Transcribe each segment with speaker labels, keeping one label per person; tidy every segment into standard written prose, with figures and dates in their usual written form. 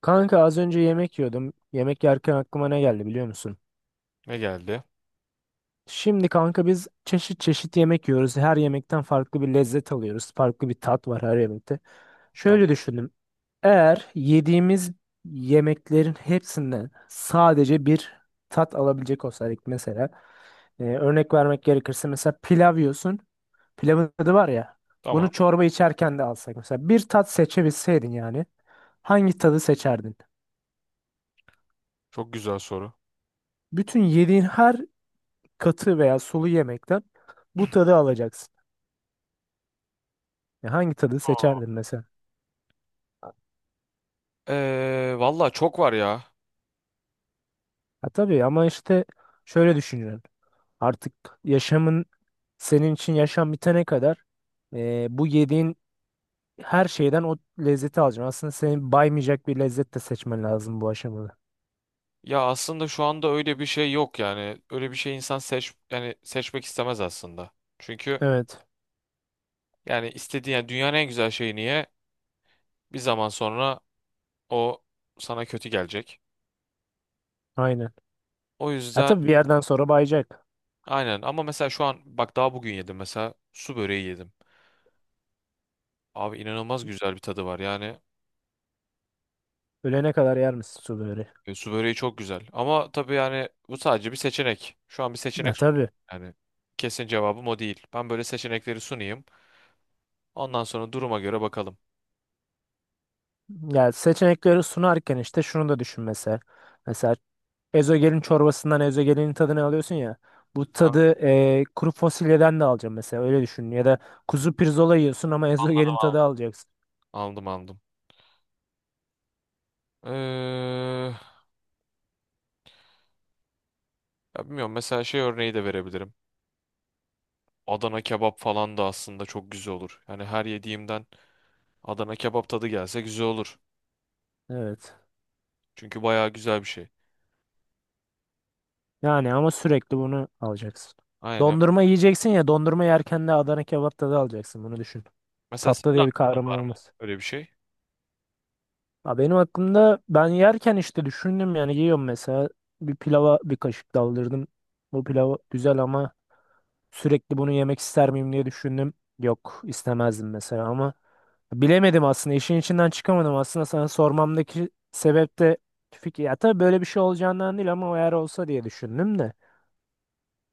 Speaker 1: Kanka az önce yemek yiyordum. Yemek yerken aklıma ne geldi biliyor musun?
Speaker 2: Ne geldi?
Speaker 1: Şimdi kanka biz çeşit çeşit yemek yiyoruz. Her yemekten farklı bir lezzet alıyoruz. Farklı bir tat var her yemekte.
Speaker 2: Tamam.
Speaker 1: Şöyle düşündüm. Eğer yediğimiz yemeklerin hepsinden sadece bir tat alabilecek olsaydık mesela. Örnek vermek gerekirse mesela pilav yiyorsun. Pilavın tadı var ya.
Speaker 2: Tamam.
Speaker 1: Bunu çorba içerken de alsak mesela. Bir tat seçebilseydin yani. Hangi tadı seçerdin?
Speaker 2: Çok güzel soru.
Speaker 1: Bütün yediğin her katı veya sulu yemekten bu tadı alacaksın. Ya hangi tadı seçerdin mesela?
Speaker 2: Valla çok var ya.
Speaker 1: Ha tabii, ama işte şöyle düşünüyorum. Artık yaşamın, senin için yaşam bitene kadar, bu yediğin her şeyden o lezzeti alacaksın. Aslında seni baymayacak bir lezzet de seçmen lazım bu aşamada.
Speaker 2: Ya aslında şu anda öyle bir şey yok yani. Öyle bir şey insan seç yani seçmek istemez aslında. Çünkü
Speaker 1: Evet,
Speaker 2: yani istediğin yani dünyanın en güzel şeyi niye bir zaman sonra o sana kötü gelecek.
Speaker 1: aynen.
Speaker 2: O
Speaker 1: Ha
Speaker 2: yüzden
Speaker 1: tabii, bir yerden sonra bayacak.
Speaker 2: aynen, ama mesela şu an bak daha bugün yedim, mesela su böreği yedim. Abi inanılmaz güzel bir tadı var yani.
Speaker 1: Ölene kadar yer misin sulu böreği?
Speaker 2: E, su böreği çok güzel. Ama tabii yani bu sadece bir seçenek. Şu an bir
Speaker 1: Ha
Speaker 2: seçenek sunuyorum.
Speaker 1: tabii.
Speaker 2: Yani kesin cevabım o değil. Ben böyle seçenekleri sunayım. Ondan sonra duruma göre bakalım.
Speaker 1: Ya, seçenekleri sunarken işte şunu da düşün mesela. Mesela ezogelin çorbasından ezogelinin tadını alıyorsun ya. Bu
Speaker 2: Anladım,
Speaker 1: tadı kuru fasulyeden de alacağım mesela, öyle düşün. Ya da kuzu pirzola yiyorsun ama ezogelin tadı
Speaker 2: aldım.
Speaker 1: alacaksın.
Speaker 2: Aldım, aldım. Ee, ya bilmiyorum, mesela şey örneği de verebilirim. Adana kebap falan da aslında çok güzel olur. Yani her yediğimden Adana kebap tadı gelse güzel olur.
Speaker 1: Evet.
Speaker 2: Çünkü bayağı güzel bir şey.
Speaker 1: Yani ama sürekli bunu alacaksın.
Speaker 2: Aynen.
Speaker 1: Dondurma yiyeceksin ya, dondurma yerken de Adana kebap tadı alacaksın, bunu düşün.
Speaker 2: Mesela
Speaker 1: Tatlı
Speaker 2: senin
Speaker 1: diye bir
Speaker 2: aklında
Speaker 1: kavramın
Speaker 2: var mı
Speaker 1: olmaz.
Speaker 2: öyle bir şey?
Speaker 1: Ha, benim aklımda, ben yerken işte düşündüm, yani yiyorum mesela, bir pilava bir kaşık daldırdım. Bu pilav güzel ama sürekli bunu yemek ister miyim diye düşündüm. Yok, istemezdim mesela. Ama bilemedim aslında, işin içinden çıkamadım. Aslında sana sormamdaki sebep de fikir, ya tabii böyle bir şey olacağından değil ama eğer olsa diye düşündüm de,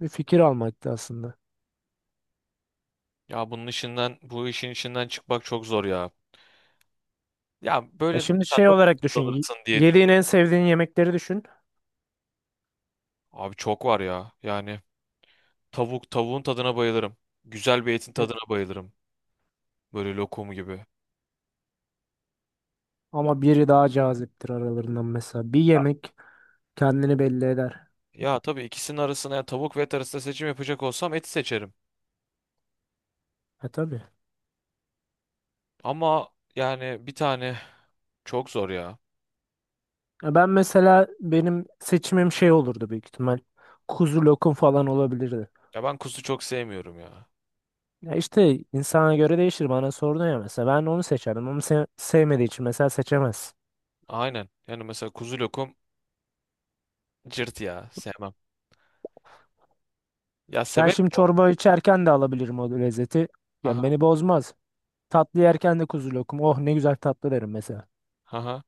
Speaker 1: bir fikir almaktı aslında.
Speaker 2: Ya bunun işinden, bu işin içinden çıkmak çok zor ya. Ya
Speaker 1: Ya
Speaker 2: böyle
Speaker 1: şimdi
Speaker 2: sen
Speaker 1: şey
Speaker 2: nasıl
Speaker 1: olarak düşün,
Speaker 2: dalırsın diye,
Speaker 1: yediğin en sevdiğin yemekleri düşün.
Speaker 2: abi çok var ya. Yani tavuk, tavuğun tadına bayılırım. Güzel bir etin
Speaker 1: Evet.
Speaker 2: tadına bayılırım. Böyle lokum gibi.
Speaker 1: Ama biri daha caziptir aralarından. Mesela bir yemek kendini belli eder.
Speaker 2: Ya tabii ikisinin arasına, ya tavuk ve et arasında seçim yapacak olsam eti seçerim.
Speaker 1: Ha tabii.
Speaker 2: Ama yani bir tane çok zor ya.
Speaker 1: Ya ben mesela, benim seçimim şey olurdu büyük ihtimal, kuzu lokum falan olabilirdi.
Speaker 2: Ya ben kuzu çok sevmiyorum ya.
Speaker 1: Ya işte insana göre değişir. Bana sordun ya mesela, ben onu seçerdim. Onu sevmediği için mesela seçemez.
Speaker 2: Aynen. Yani mesela kuzu lokum cırt ya, sevmem. Ya
Speaker 1: Ben
Speaker 2: severim
Speaker 1: şimdi
Speaker 2: bu arada.
Speaker 1: çorba içerken de alabilirim o lezzeti. Yani
Speaker 2: Aha,
Speaker 1: beni bozmaz. Tatlı yerken de kuzu lokum. Oh, ne güzel tatlı derim mesela.
Speaker 2: aha.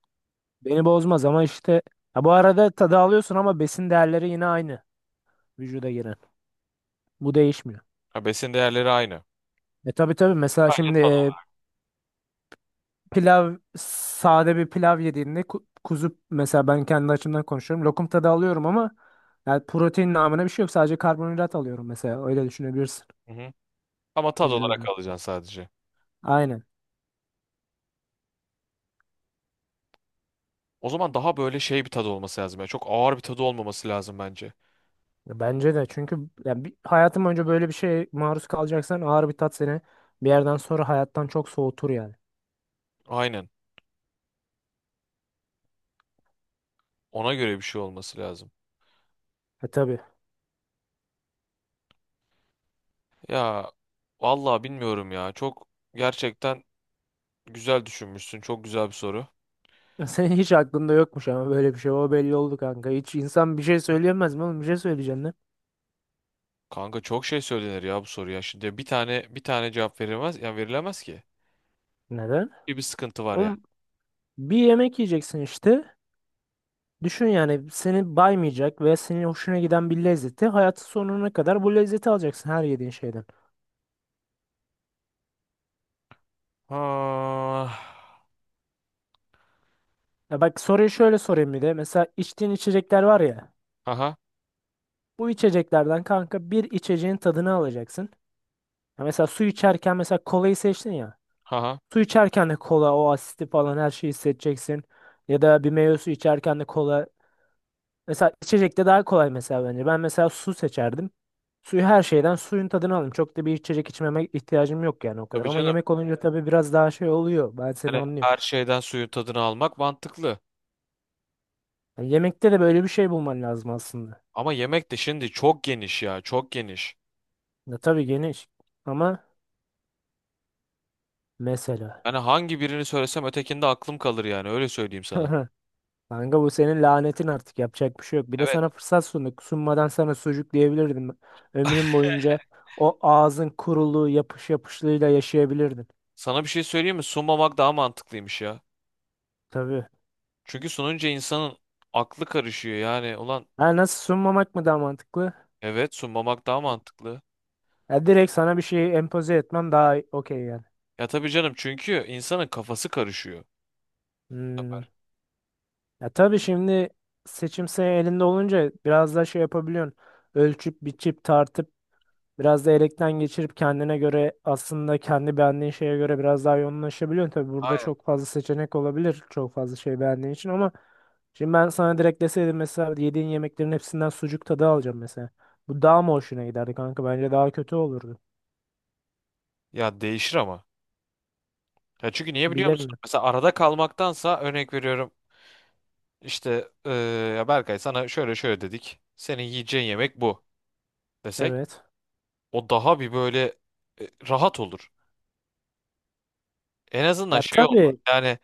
Speaker 1: Beni bozmaz ama işte, ha bu arada, tadı alıyorsun ama besin değerleri yine aynı, vücuda giren. Bu değişmiyor.
Speaker 2: Ha, besin değerleri aynı.
Speaker 1: E tabii tabii, mesela
Speaker 2: Sadece
Speaker 1: şimdi
Speaker 2: tadı olarak.
Speaker 1: pilav, sade bir pilav yediğinde, kuzu mesela, ben kendi açımdan konuşuyorum, lokum tadı alıyorum ama yani protein namına bir şey yok. Sadece karbonhidrat alıyorum mesela. Öyle düşünebilirsin
Speaker 2: Hı hı. Ama tad olarak
Speaker 1: vücudumda.
Speaker 2: alacaksın sadece.
Speaker 1: Aynen.
Speaker 2: O zaman daha böyle şey bir tadı olması lazım, ya çok ağır bir tadı olmaması lazım bence.
Speaker 1: Ya bence de, çünkü yani bir, hayatım boyunca böyle bir şeye maruz kalacaksan, ağır bir tat seni bir yerden sonra hayattan çok soğutur yani.
Speaker 2: Aynen. Ona göre bir şey olması lazım.
Speaker 1: E tabii.
Speaker 2: Ya vallahi bilmiyorum ya. Çok gerçekten güzel düşünmüşsün. Çok güzel bir soru.
Speaker 1: Ya senin hiç aklında yokmuş ama böyle bir şey. O belli oldu kanka. Hiç insan bir şey söyleyemez mi oğlum? Bir şey söyleyeceksin lan.
Speaker 2: Kanka çok şey söylenir ya bu soruya. Şimdi bir tane, bir tane cevap verilmez, yani verilemez ki.
Speaker 1: Neden?
Speaker 2: Bir sıkıntı var yani.
Speaker 1: Oğlum, bir yemek yiyeceksin işte. Düşün yani, seni baymayacak ve senin hoşuna giden bir lezzeti, hayatın sonuna kadar bu lezzeti alacaksın her yediğin şeyden.
Speaker 2: Ha.
Speaker 1: Ya bak, soruyu şöyle sorayım bir de. Mesela içtiğin içecekler var ya.
Speaker 2: Haha.
Speaker 1: Bu içeceklerden kanka, bir içeceğin tadını alacaksın. Ya mesela su içerken, mesela kolayı seçtin ya.
Speaker 2: Haha.
Speaker 1: Su içerken de kola, o asiti falan, her şeyi hissedeceksin. Ya da bir meyve suyu içerken de kola. Mesela içecekte daha kolay mesela, bence. Ben mesela su seçerdim. Suyu, her şeyden suyun tadını alırım. Çok da bir içecek içmeme ihtiyacım yok yani o kadar.
Speaker 2: Tabii
Speaker 1: Ama
Speaker 2: canım.
Speaker 1: yemek olunca tabii biraz daha şey oluyor. Ben seni
Speaker 2: Hani
Speaker 1: anlıyorum.
Speaker 2: her şeyden suyun tadını almak mantıklı.
Speaker 1: Yani yemekte de böyle bir şey bulman lazım aslında.
Speaker 2: Ama yemek de şimdi çok geniş ya, çok geniş.
Speaker 1: Ya tabii geniş, ama mesela.
Speaker 2: Hani hangi birini söylesem ötekinde aklım kalır yani, öyle söyleyeyim sana.
Speaker 1: Kanka, bu senin lanetin artık, yapacak bir şey yok. Bir de
Speaker 2: Evet.
Speaker 1: sana fırsat sunduk. Sunmadan sana sucuk diyebilirdim. Ömrün boyunca o ağzın kuruluğu, yapış yapışlığıyla yaşayabilirdin.
Speaker 2: Sana bir şey söyleyeyim mi? Sunmamak daha mantıklıymış ya.
Speaker 1: Tabii.
Speaker 2: Çünkü sununca insanın aklı karışıyor yani. Ulan
Speaker 1: Ha, nasıl, sunmamak mı daha mantıklı?
Speaker 2: evet, sunmamak daha mantıklı.
Speaker 1: Ya direkt sana bir şey empoze etmem daha okey yani.
Speaker 2: Ya tabii canım, çünkü insanın kafası karışıyor.
Speaker 1: Hmm. Ya tabii şimdi, seçim senin elinde olunca biraz daha şey yapabiliyorsun. Ölçüp biçip tartıp, biraz da elekten geçirip, kendine göre, aslında kendi beğendiğin şeye göre biraz daha yoğunlaşabiliyorsun. Tabii burada
Speaker 2: Aynen.
Speaker 1: çok fazla seçenek olabilir, çok fazla şey beğendiğin için, ama şimdi ben sana direkt deseydim mesela, yediğin yemeklerin hepsinden sucuk tadı alacağım mesela. Bu daha mı hoşuna giderdi kanka? Bence daha kötü olurdu.
Speaker 2: Ya değişir ama. Ya çünkü niye biliyor musun?
Speaker 1: Bilemiyorum.
Speaker 2: Mesela arada kalmaktansa, örnek veriyorum. İşte eee, ya Berkay, sana şöyle şöyle dedik. Senin yiyeceğin yemek bu desek.
Speaker 1: Evet.
Speaker 2: O daha bir böyle rahat olur. En azından
Speaker 1: Ya
Speaker 2: şey olmaz.
Speaker 1: tabii,
Speaker 2: Yani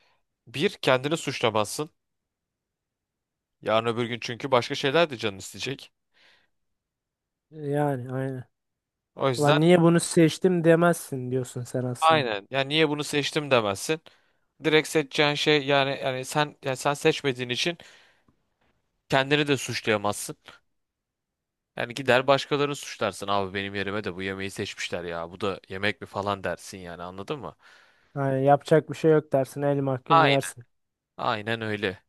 Speaker 2: bir, kendini suçlamazsın. Yarın öbür gün çünkü başka şeyler de canın isteyecek.
Speaker 1: yani aynen.
Speaker 2: O yüzden
Speaker 1: Ulan niye bunu seçtim demezsin diyorsun sen aslında.
Speaker 2: aynen. Yani niye bunu seçtim demezsin. Direkt seçeceğin şey, yani sen, sen seçmediğin için kendini de suçlayamazsın. Yani gider başkalarını suçlarsın. Abi benim yerime de bu yemeği seçmişler ya. Bu da yemek mi falan dersin, yani anladın mı?
Speaker 1: Yani yapacak bir şey yok dersin, el mahkum
Speaker 2: Aynen.
Speaker 1: yersin.
Speaker 2: Aynen öyle.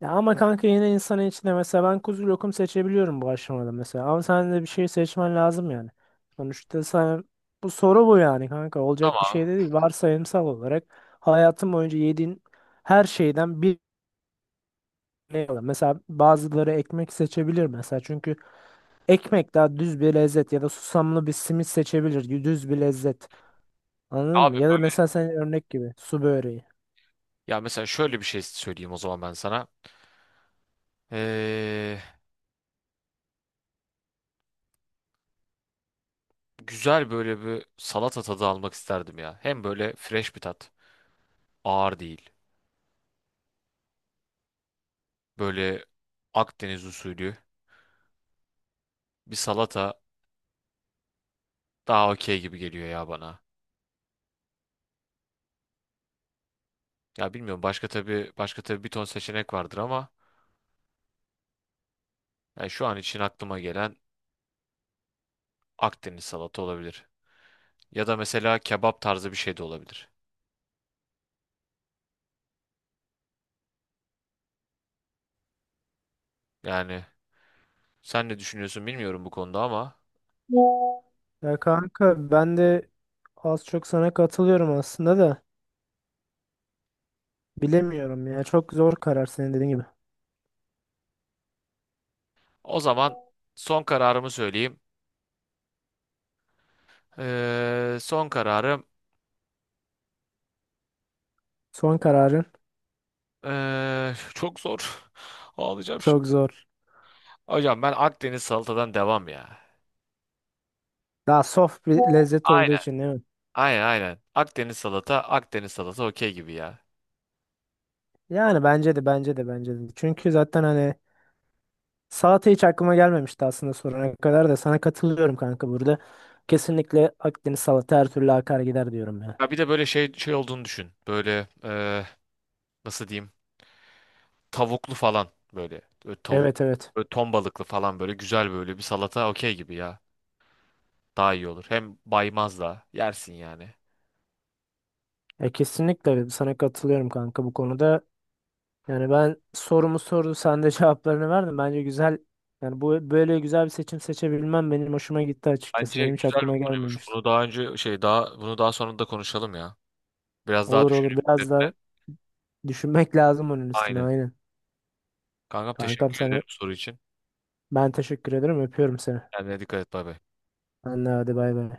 Speaker 1: Ya ama kanka, yine insanın içinde, mesela ben kuzu lokum seçebiliyorum bu aşamada mesela. Ama sen de bir şey seçmen lazım yani. Sonuçta sen, bu soru bu, yani kanka olacak bir
Speaker 2: Tamam.
Speaker 1: şey de değil. Varsayımsal olarak hayatın boyunca yediğin her şeyden bir, ne alır. Mesela bazıları ekmek seçebilir mesela. Çünkü ekmek daha düz bir lezzet, ya da susamlı bir simit seçebilir. Düz bir lezzet. Anladın
Speaker 2: Abi
Speaker 1: mı? Ya da
Speaker 2: böyle-
Speaker 1: mesela, sen örnek gibi, su böreği.
Speaker 2: ya mesela şöyle bir şey söyleyeyim o zaman ben sana. Ee, güzel böyle bir salata tadı almak isterdim ya. Hem böyle fresh bir tat, ağır değil. Böyle Akdeniz usulü bir salata daha okey gibi geliyor ya bana. Ya bilmiyorum, başka tabii, bir ton seçenek vardır ama yani şu an için aklıma gelen Akdeniz salata olabilir. Ya da mesela kebap tarzı bir şey de olabilir. Yani sen ne düşünüyorsun bilmiyorum bu konuda ama
Speaker 1: Ya kanka, ben de az çok sana katılıyorum aslında da, bilemiyorum ya. Çok zor karar, senin dediğin gibi.
Speaker 2: o zaman son kararımı söyleyeyim. Son kararım
Speaker 1: Son kararın
Speaker 2: çok zor. Ağlayacağım şimdi.
Speaker 1: çok zor.
Speaker 2: Hocam ben Akdeniz salatadan devam ya.
Speaker 1: Daha soft bir lezzet olduğu için değil mi?
Speaker 2: Aynen, aynen. Akdeniz salata, Akdeniz salata okey gibi ya.
Speaker 1: Yani bence de. Çünkü zaten hani, salata hiç aklıma gelmemişti aslında sorana kadar, da sana katılıyorum kanka burada. Kesinlikle Akdeniz salata her türlü akar gider diyorum ya.
Speaker 2: Ya bir de böyle şey olduğunu düşün. Böyle nasıl diyeyim? Tavuklu falan böyle. Böyle tavuk,
Speaker 1: Evet, evet.
Speaker 2: böyle ton balıklı falan, böyle güzel böyle bir salata okey gibi ya. Daha iyi olur. Hem baymaz da yersin yani.
Speaker 1: Ya kesinlikle sana katılıyorum kanka bu konuda. Yani ben sorumu sordu, sen de cevaplarını verdin. Bence güzel. Yani bu böyle, güzel bir seçim seçebilmem benim hoşuma gitti açıkçası.
Speaker 2: Bence
Speaker 1: Benim hiç
Speaker 2: güzel
Speaker 1: aklıma
Speaker 2: bir konuymuş.
Speaker 1: gelmemişti.
Speaker 2: Bunu daha önce şey daha bunu daha sonra da konuşalım ya. Biraz daha
Speaker 1: Olur olur,
Speaker 2: düşünüp
Speaker 1: biraz
Speaker 2: üzerine.
Speaker 1: da düşünmek lazım onun üstüne,
Speaker 2: Aynen.
Speaker 1: aynen.
Speaker 2: Kankam,
Speaker 1: Kankam,
Speaker 2: teşekkür
Speaker 1: sana
Speaker 2: ederim soru için.
Speaker 1: ben teşekkür ederim. Öpüyorum seni.
Speaker 2: Kendine dikkat et, bay bay.
Speaker 1: Anne, hadi bay bay.